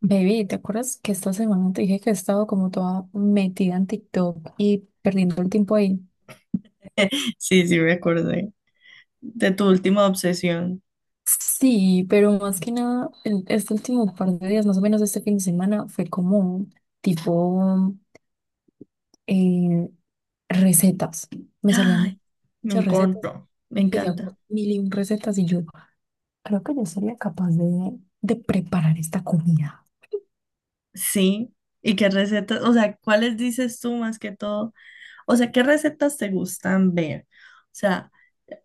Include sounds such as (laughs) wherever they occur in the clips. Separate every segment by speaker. Speaker 1: Baby, ¿te acuerdas que esta semana te dije que he estado como toda metida en TikTok y perdiendo el tiempo ahí?
Speaker 2: (laughs) Sí, sí, me acordé de tu última obsesión.
Speaker 1: Sí, pero más que nada, este último par de días, más o menos este fin de semana, fue como tipo eh, recetas. Me salían
Speaker 2: Ay, lo
Speaker 1: muchas recetas.
Speaker 2: encuentro. Me
Speaker 1: Empecé a ver
Speaker 2: encanta.
Speaker 1: mil y un recetas y yo creo que yo sería capaz de preparar esta comida.
Speaker 2: Sí. ¿Y qué recetas? O sea, ¿cuáles dices tú más que todo? O sea, ¿qué recetas te gustan ver? O sea,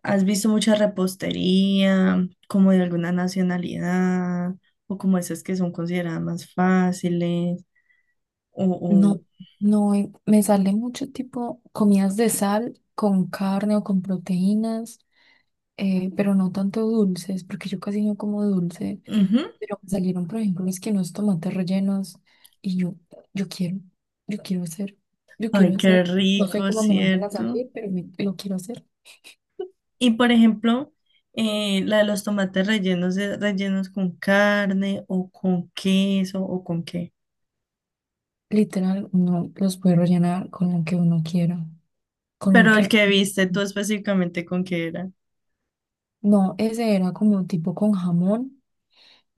Speaker 2: ¿has visto mucha repostería, como de alguna nacionalidad, o como esas que son consideradas más fáciles? O,
Speaker 1: No,
Speaker 2: o-
Speaker 1: no, me sale mucho tipo comidas de sal con carne o con proteínas. Pero no tanto dulces, porque yo casi no como dulce,
Speaker 2: Ujú.
Speaker 1: pero me salieron, por ejemplo, es que unos tomates rellenos y yo, yo quiero, yo quiero hacer, yo quiero
Speaker 2: Ay,
Speaker 1: hacer,
Speaker 2: qué
Speaker 1: no sé
Speaker 2: rico,
Speaker 1: cómo me vayan a
Speaker 2: ¿cierto?
Speaker 1: salir, pero lo quiero hacer.
Speaker 2: Y por ejemplo, la de los tomates rellenos de rellenos con carne o con queso o con qué.
Speaker 1: Literal, no los puede rellenar con lo que uno quiera, con lo
Speaker 2: Pero el
Speaker 1: que...
Speaker 2: que viste tú específicamente con qué era.
Speaker 1: No, ese era como tipo con jamón,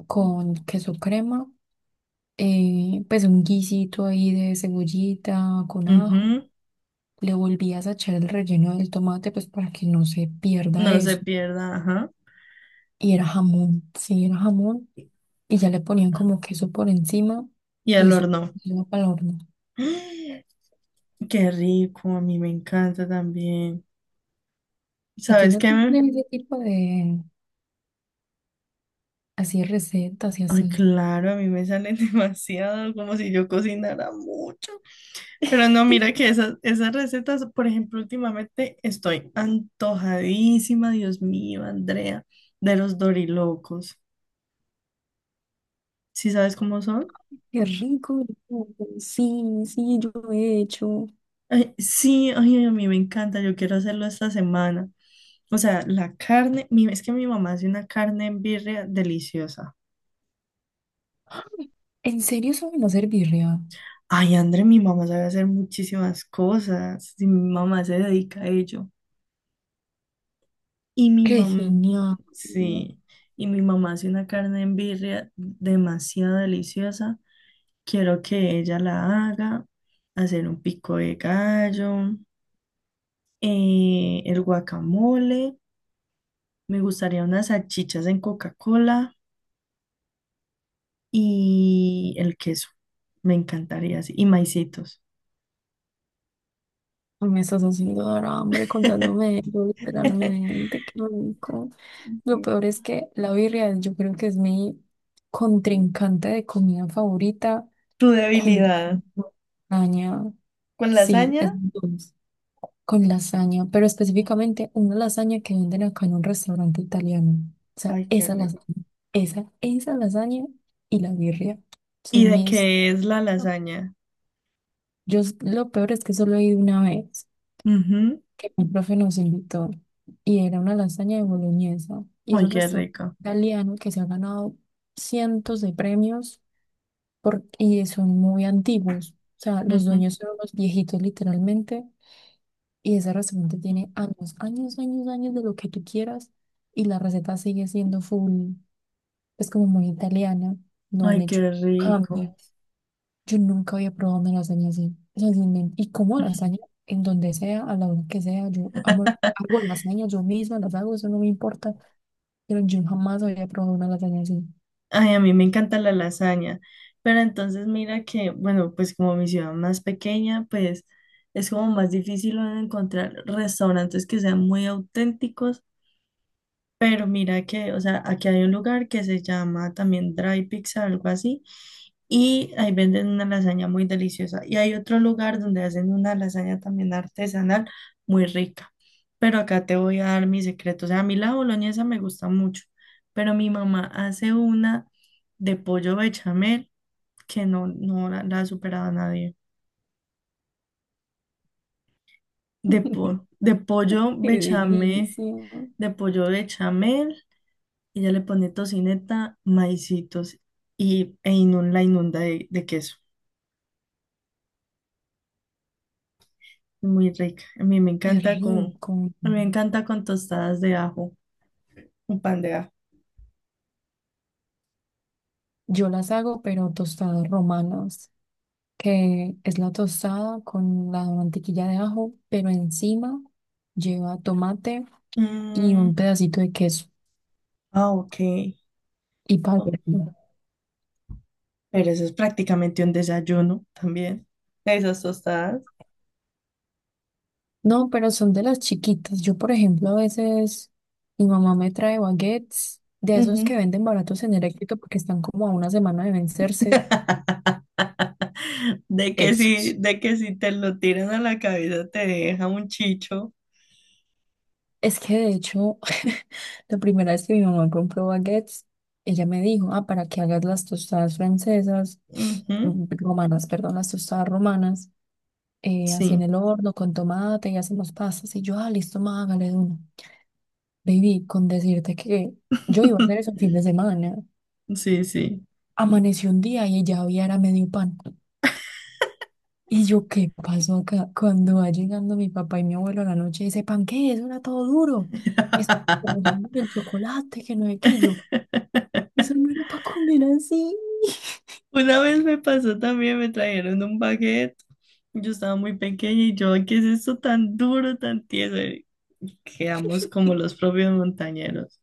Speaker 1: con queso crema, pues un guisito ahí de cebollita, con ajo.
Speaker 2: Ujú.
Speaker 1: Le volvías a echar el relleno del tomate, pues para que no se pierda
Speaker 2: No se
Speaker 1: eso.
Speaker 2: pierda, ajá.
Speaker 1: Y era jamón, sí, era jamón. Y ya le ponían como queso por encima
Speaker 2: Y
Speaker 1: y
Speaker 2: al
Speaker 1: eso
Speaker 2: horno.
Speaker 1: iba para el horno.
Speaker 2: (gasps) ¡Ah! Qué rico, a mí me encanta también.
Speaker 1: ¿A ti
Speaker 2: ¿Sabes
Speaker 1: no te
Speaker 2: qué? me-
Speaker 1: gustan ese tipo de así recetas y
Speaker 2: Ay,
Speaker 1: así?
Speaker 2: claro, a mí me salen (laughs) demasiado, como si yo cocinara mucho. Pero no, mira
Speaker 1: (laughs)
Speaker 2: que esas recetas, por ejemplo, últimamente estoy antojadísima, Dios mío, Andrea, de los dorilocos. ¿Sí sabes cómo son?
Speaker 1: Qué rico, rico. Sí, sí, yo lo he hecho.
Speaker 2: Ay, sí, ay, a mí me encanta, yo quiero hacerlo esta semana. O sea, es que mi mamá hace una carne en birria deliciosa.
Speaker 1: ¿En serio saben hacer birria?
Speaker 2: Ay, Andrea, mi mamá sabe hacer muchísimas cosas, y mi mamá se dedica a ello. Y mi
Speaker 1: ¡Qué
Speaker 2: mamá,
Speaker 1: genial!
Speaker 2: sí, y mi mamá hace una carne en birria demasiado deliciosa. Quiero que ella la haga, hacer un pico de gallo, el guacamole, me gustaría unas salchichas en Coca-Cola y el queso. Me encantaría así. Y maicitos.
Speaker 1: Me estás haciendo dar hambre contándome eso,
Speaker 2: (laughs)
Speaker 1: literalmente. Qué rico. Lo peor es que la birria yo creo que es mi contrincante de comida favorita
Speaker 2: Tu
Speaker 1: con
Speaker 2: debilidad.
Speaker 1: lasaña,
Speaker 2: ¿Con
Speaker 1: sí,
Speaker 2: lasaña?
Speaker 1: es dulce, con lasaña, pero específicamente una lasaña que venden acá en un restaurante italiano. O sea,
Speaker 2: Ay, qué
Speaker 1: esa lasaña,
Speaker 2: rico.
Speaker 1: esa lasaña y la birria
Speaker 2: ¿Y
Speaker 1: son
Speaker 2: de
Speaker 1: mis...
Speaker 2: qué es la lasaña?
Speaker 1: Lo peor es que solo he ido una vez
Speaker 2: Ujú.
Speaker 1: que mi profe nos invitó y era una lasaña de boloñesa y es
Speaker 2: Ay,
Speaker 1: un
Speaker 2: qué
Speaker 1: restaurante
Speaker 2: rico.
Speaker 1: italiano que se ha ganado cientos de premios por, y son muy antiguos. O sea, los
Speaker 2: Ujú.
Speaker 1: dueños son unos viejitos literalmente y ese restaurante tiene años, años, años, años de lo que tú quieras y la receta sigue siendo full, es como muy italiana, no han
Speaker 2: Ay,
Speaker 1: hecho
Speaker 2: qué rico.
Speaker 1: cambios. Yo nunca había probado una lasaña así. O sea, sin men- y como lasaña, en donde sea, a la hora que sea, yo amo, hago lasaña yo misma, las hago, eso no me importa. Pero yo jamás había probado una lasaña así.
Speaker 2: Ay, a mí me encanta la lasaña, pero entonces mira que, bueno, pues como mi ciudad más pequeña, pues es como más difícil encontrar restaurantes que sean muy auténticos, pero mira que, o sea, aquí hay un lugar que se llama también Dry Pizza, algo así, y ahí venden una lasaña muy deliciosa. Y hay otro lugar donde hacen una lasaña también artesanal muy rica. Pero acá te voy a dar mi secreto. O sea, a mí la boloñesa me gusta mucho, pero mi mamá hace una de pollo bechamel que no, no la, la ha superado a nadie. De pollo
Speaker 1: Qué
Speaker 2: bechamel,
Speaker 1: delicia,
Speaker 2: de pollo bechamel. Ella le pone tocineta, maicitos la inunda de queso. Muy rica.
Speaker 1: qué rico.
Speaker 2: A mí me encanta con tostadas de ajo, un pan de ajo.
Speaker 1: Yo las hago, pero tostadas romanas, que es la tostada con la mantequilla de ajo, pero encima lleva tomate y
Speaker 2: Mm,
Speaker 1: un pedacito de queso
Speaker 2: ah, ok.
Speaker 1: y pavo.
Speaker 2: Oh, pero eso es prácticamente un desayuno también. Esas tostadas.
Speaker 1: No, pero son de las chiquitas. Yo, por ejemplo, a veces mi mamá me trae baguettes de esos que
Speaker 2: Ujú.
Speaker 1: venden baratos en Electrito porque están como a una semana de vencerse.
Speaker 2: (laughs)
Speaker 1: Esos.
Speaker 2: De que si te lo tiran a la cabeza te deja un chicho.
Speaker 1: Es que de hecho, (laughs) la primera vez que mi mamá compró baguettes, ella me dijo, ah, para que hagas las tostadas francesas,
Speaker 2: Ujú.
Speaker 1: mm, romanas, perdón, las tostadas romanas, así en
Speaker 2: Sí,
Speaker 1: el horno con tomate y hacemos pastas. Y yo, ah, listo, ma, hágale de una. Baby, con decirte que yo iba a hacer eso
Speaker 2: (laughs)
Speaker 1: un fin de semana.
Speaker 2: sí, sí.
Speaker 1: Amaneció un día y ya había era medio pan. Y yo, ¿qué pasó acá? Cuando va llegando mi papá y mi abuelo a la noche, dice, ¿pan qué? Eso era todo duro. Es
Speaker 2: (laughs)
Speaker 1: (laughs) el chocolate, que no es que yo. Eso no era para comer así.
Speaker 2: Una vez me pasó también, me trajeron un baguette. Yo estaba muy pequeña y yo, ¿qué es esto tan duro, tan tieso? Y quedamos como los propios montañeros.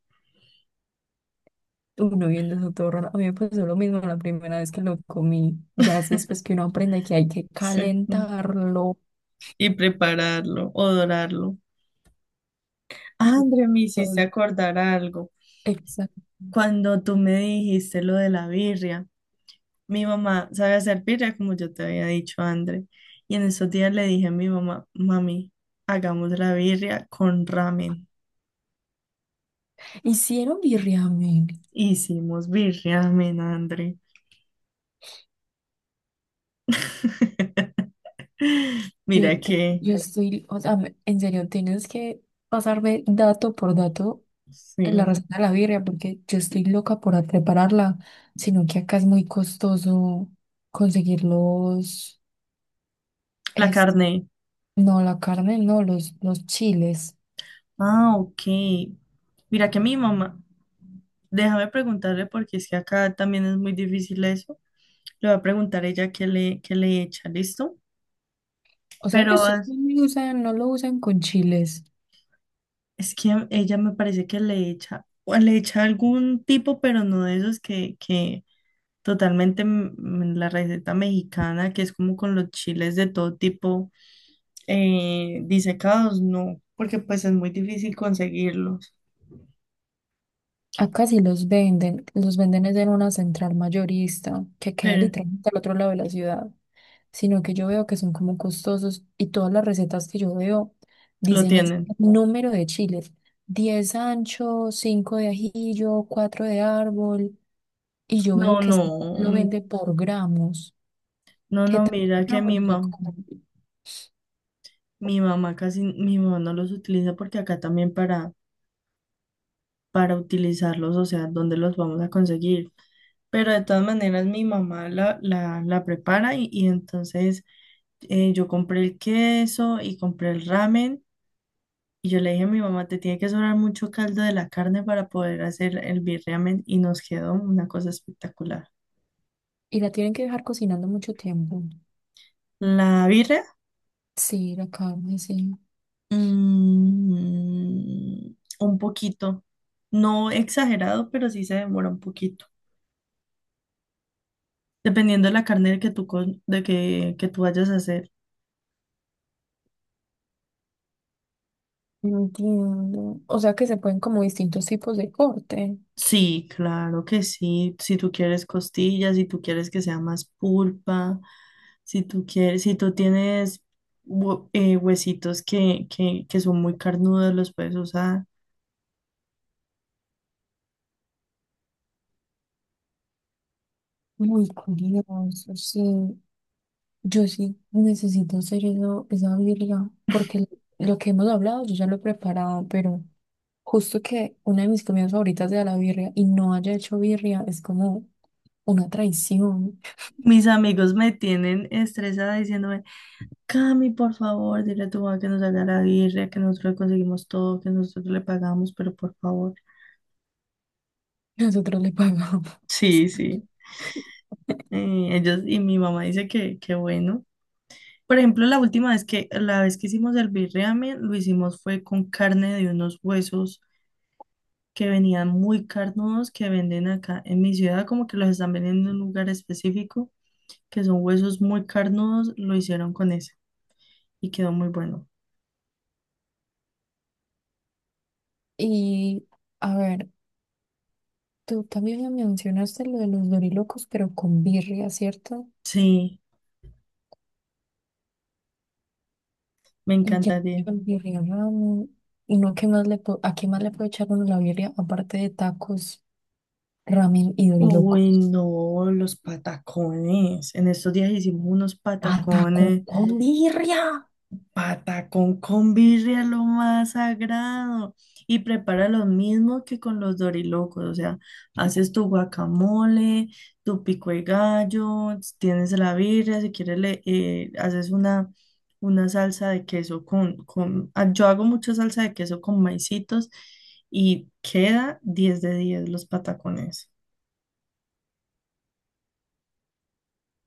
Speaker 1: Uno viendo eso todo raro. A mí me pasó lo mismo la primera vez que lo comí. Ya es después que uno aprende que hay que
Speaker 2: Sí. Mm.
Speaker 1: calentarlo.
Speaker 2: Y prepararlo o dorarlo. Ah, André, me hiciste
Speaker 1: Entonces,
Speaker 2: acordar algo.
Speaker 1: exacto.
Speaker 2: Cuando tú me dijiste lo de la birria, mi mamá sabe hacer birria, como yo te había dicho, André. Y en esos días le dije a mi mamá, mami, hagamos la birria con ramen.
Speaker 1: Hicieron birriamen.
Speaker 2: Hicimos birria, ramen, André. (laughs)
Speaker 1: Yo,
Speaker 2: Mira
Speaker 1: te-
Speaker 2: que,
Speaker 1: yo estoy, o sea, en serio, tienes que pasarme dato por dato la
Speaker 2: sí,
Speaker 1: receta de la birria, porque yo estoy loca por prepararla, sino que acá es muy costoso conseguir los,
Speaker 2: la
Speaker 1: es,
Speaker 2: carne.
Speaker 1: no, la carne, no, los chiles.
Speaker 2: Ah, ok. Mira que mi mamá, déjame preguntarle porque es que acá también es muy difícil eso. Le voy a preguntar a ella qué le echa, ¿listo?
Speaker 1: O sea que
Speaker 2: Pero
Speaker 1: ustedes
Speaker 2: es
Speaker 1: no lo usan, no lo usan con chiles.
Speaker 2: es que ella me parece que le echa, o le echa algún tipo, pero no de esos que totalmente mm, la receta mexicana, que es como con los chiles de todo tipo. Disecados, no, porque pues es muy difícil conseguirlos,
Speaker 1: Acá sí los venden es en una central mayorista que queda
Speaker 2: pero
Speaker 1: literalmente al otro lado de la ciudad, sino que yo veo que son como costosos y todas las recetas que yo veo
Speaker 2: lo
Speaker 1: dicen es
Speaker 2: tienen.
Speaker 1: número de chiles, 10 ancho, 5 de ajillo, 4 de árbol, y yo veo
Speaker 2: No,
Speaker 1: que sí
Speaker 2: no,
Speaker 1: lo vende por gramos,
Speaker 2: no,
Speaker 1: que
Speaker 2: no,
Speaker 1: tantos
Speaker 2: mira que
Speaker 1: gramos no soy como,
Speaker 2: mi mamá casi, mi mamá no los utiliza porque acá también para utilizarlos, o sea, ¿dónde los vamos a conseguir? Pero de todas maneras mi mamá la prepara y entonces yo compré el queso y compré el ramen. Y yo le dije a mi mamá, te tiene que sobrar mucho caldo de la carne para poder hacer el birriamen y nos quedó una cosa espectacular.
Speaker 1: y la tienen que dejar cocinando mucho tiempo.
Speaker 2: La birria,
Speaker 1: Sí, la carne, sí.
Speaker 2: mm, un poquito, no exagerado, pero sí se demora un poquito, dependiendo de la carne que tú, que tú vayas a hacer.
Speaker 1: Entiendo. O sea que se pueden como distintos tipos de corte.
Speaker 2: Sí, claro que sí, si tú quieres costillas, si tú quieres que sea más pulpa. Si tú quieres, si tú tienes huesitos que son muy carnudos, los puedes usar.
Speaker 1: Muy curioso, sí. Yo sí necesito hacer eso, esa birria, porque lo que hemos hablado yo ya lo he preparado, pero justo que una de mis comidas favoritas sea la birria y no haya hecho birria es como una traición.
Speaker 2: Mis amigos me tienen estresada diciéndome, Cami, por favor, dile a tu mamá que nos haga la birria, que nosotros le conseguimos todo, que nosotros le pagamos, pero por favor.
Speaker 1: (laughs) Nosotros le pagamos.
Speaker 2: Sí, sí.
Speaker 1: (laughs)
Speaker 2: Ellos, y mi mamá dice que bueno. Por ejemplo, la vez que hicimos el birriamen, lo hicimos fue con carne de unos huesos que venían muy carnudos que venden acá en mi ciudad, como que los están vendiendo en un lugar específico, que son huesos muy carnudos, lo hicieron con ese y quedó muy bueno.
Speaker 1: Y a ver, tú también me mencionaste lo de los dorilocos, pero con birria, ¿cierto?
Speaker 2: Sí, me
Speaker 1: Y ya,
Speaker 2: encantaría.
Speaker 1: el birria ramen. ¿Y no, ¿qué más le puedo, a qué más le puede echar uno la birria? Aparte de tacos, ramen y
Speaker 2: Uy,
Speaker 1: dorilocos.
Speaker 2: no, los patacones. En estos días hicimos unos
Speaker 1: ¡Ah, taco
Speaker 2: patacones.
Speaker 1: con birria!
Speaker 2: Pata con convirre lo más sagrado y prepara lo mismo que con los dorilocos, o sea, haces tu guacamole, tu pico de gallo, tienes la birria, si quieres le una salsa de queso con ah, yo hago mucha salsa de queso con maicitos y queda 10 de 10 los patacones.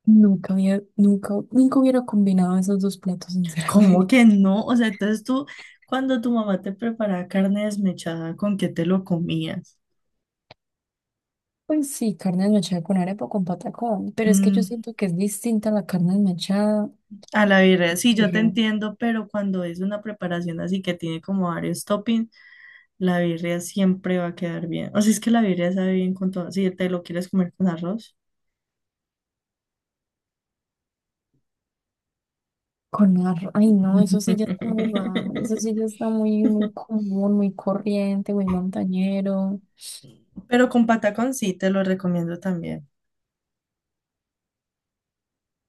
Speaker 1: Nunca había, nunca, nunca hubiera combinado esos dos platos,
Speaker 2: ¿Cómo
Speaker 1: sinceramente.
Speaker 2: que
Speaker 1: (laughs)
Speaker 2: no? O sea, entonces tú, cuando tu mamá te preparaba carne desmechada, ¿con qué te lo comías?
Speaker 1: Pues sí, carne desmechada con arepa o con patacón. Pero es que yo
Speaker 2: Mm.
Speaker 1: siento que es distinta la carne desmechada
Speaker 2: A la birria, sí, yo te
Speaker 1: eh,
Speaker 2: entiendo, pero cuando es una preparación así que tiene como varios toppings, la birria siempre va a quedar bien. O sea, es que la birria sabe bien con todo. Si te lo quieres comer con arroz.
Speaker 1: con arroz. Ay, no, eso sí ya está muy raro. Eso sí
Speaker 2: (laughs)
Speaker 1: ya está muy, muy común, muy corriente, muy montañero.
Speaker 2: Pero con patacón sí, te lo recomiendo también.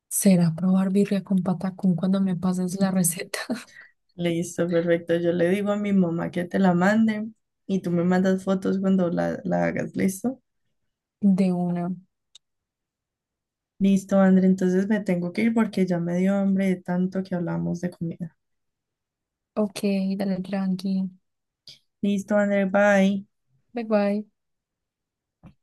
Speaker 1: Será probar birria con patacón cuando me pases la receta (laughs)
Speaker 2: Listo, perfecto. Yo le digo a mi mamá que te la mande y tú me mandas fotos cuando la hagas, ¿listo?
Speaker 1: de una.
Speaker 2: Listo, André, entonces me tengo que ir porque ya me dio hambre de tanto que hablamos de comida.
Speaker 1: Ok, dale tranqui.
Speaker 2: Listo, André, bye.
Speaker 1: Bye bye.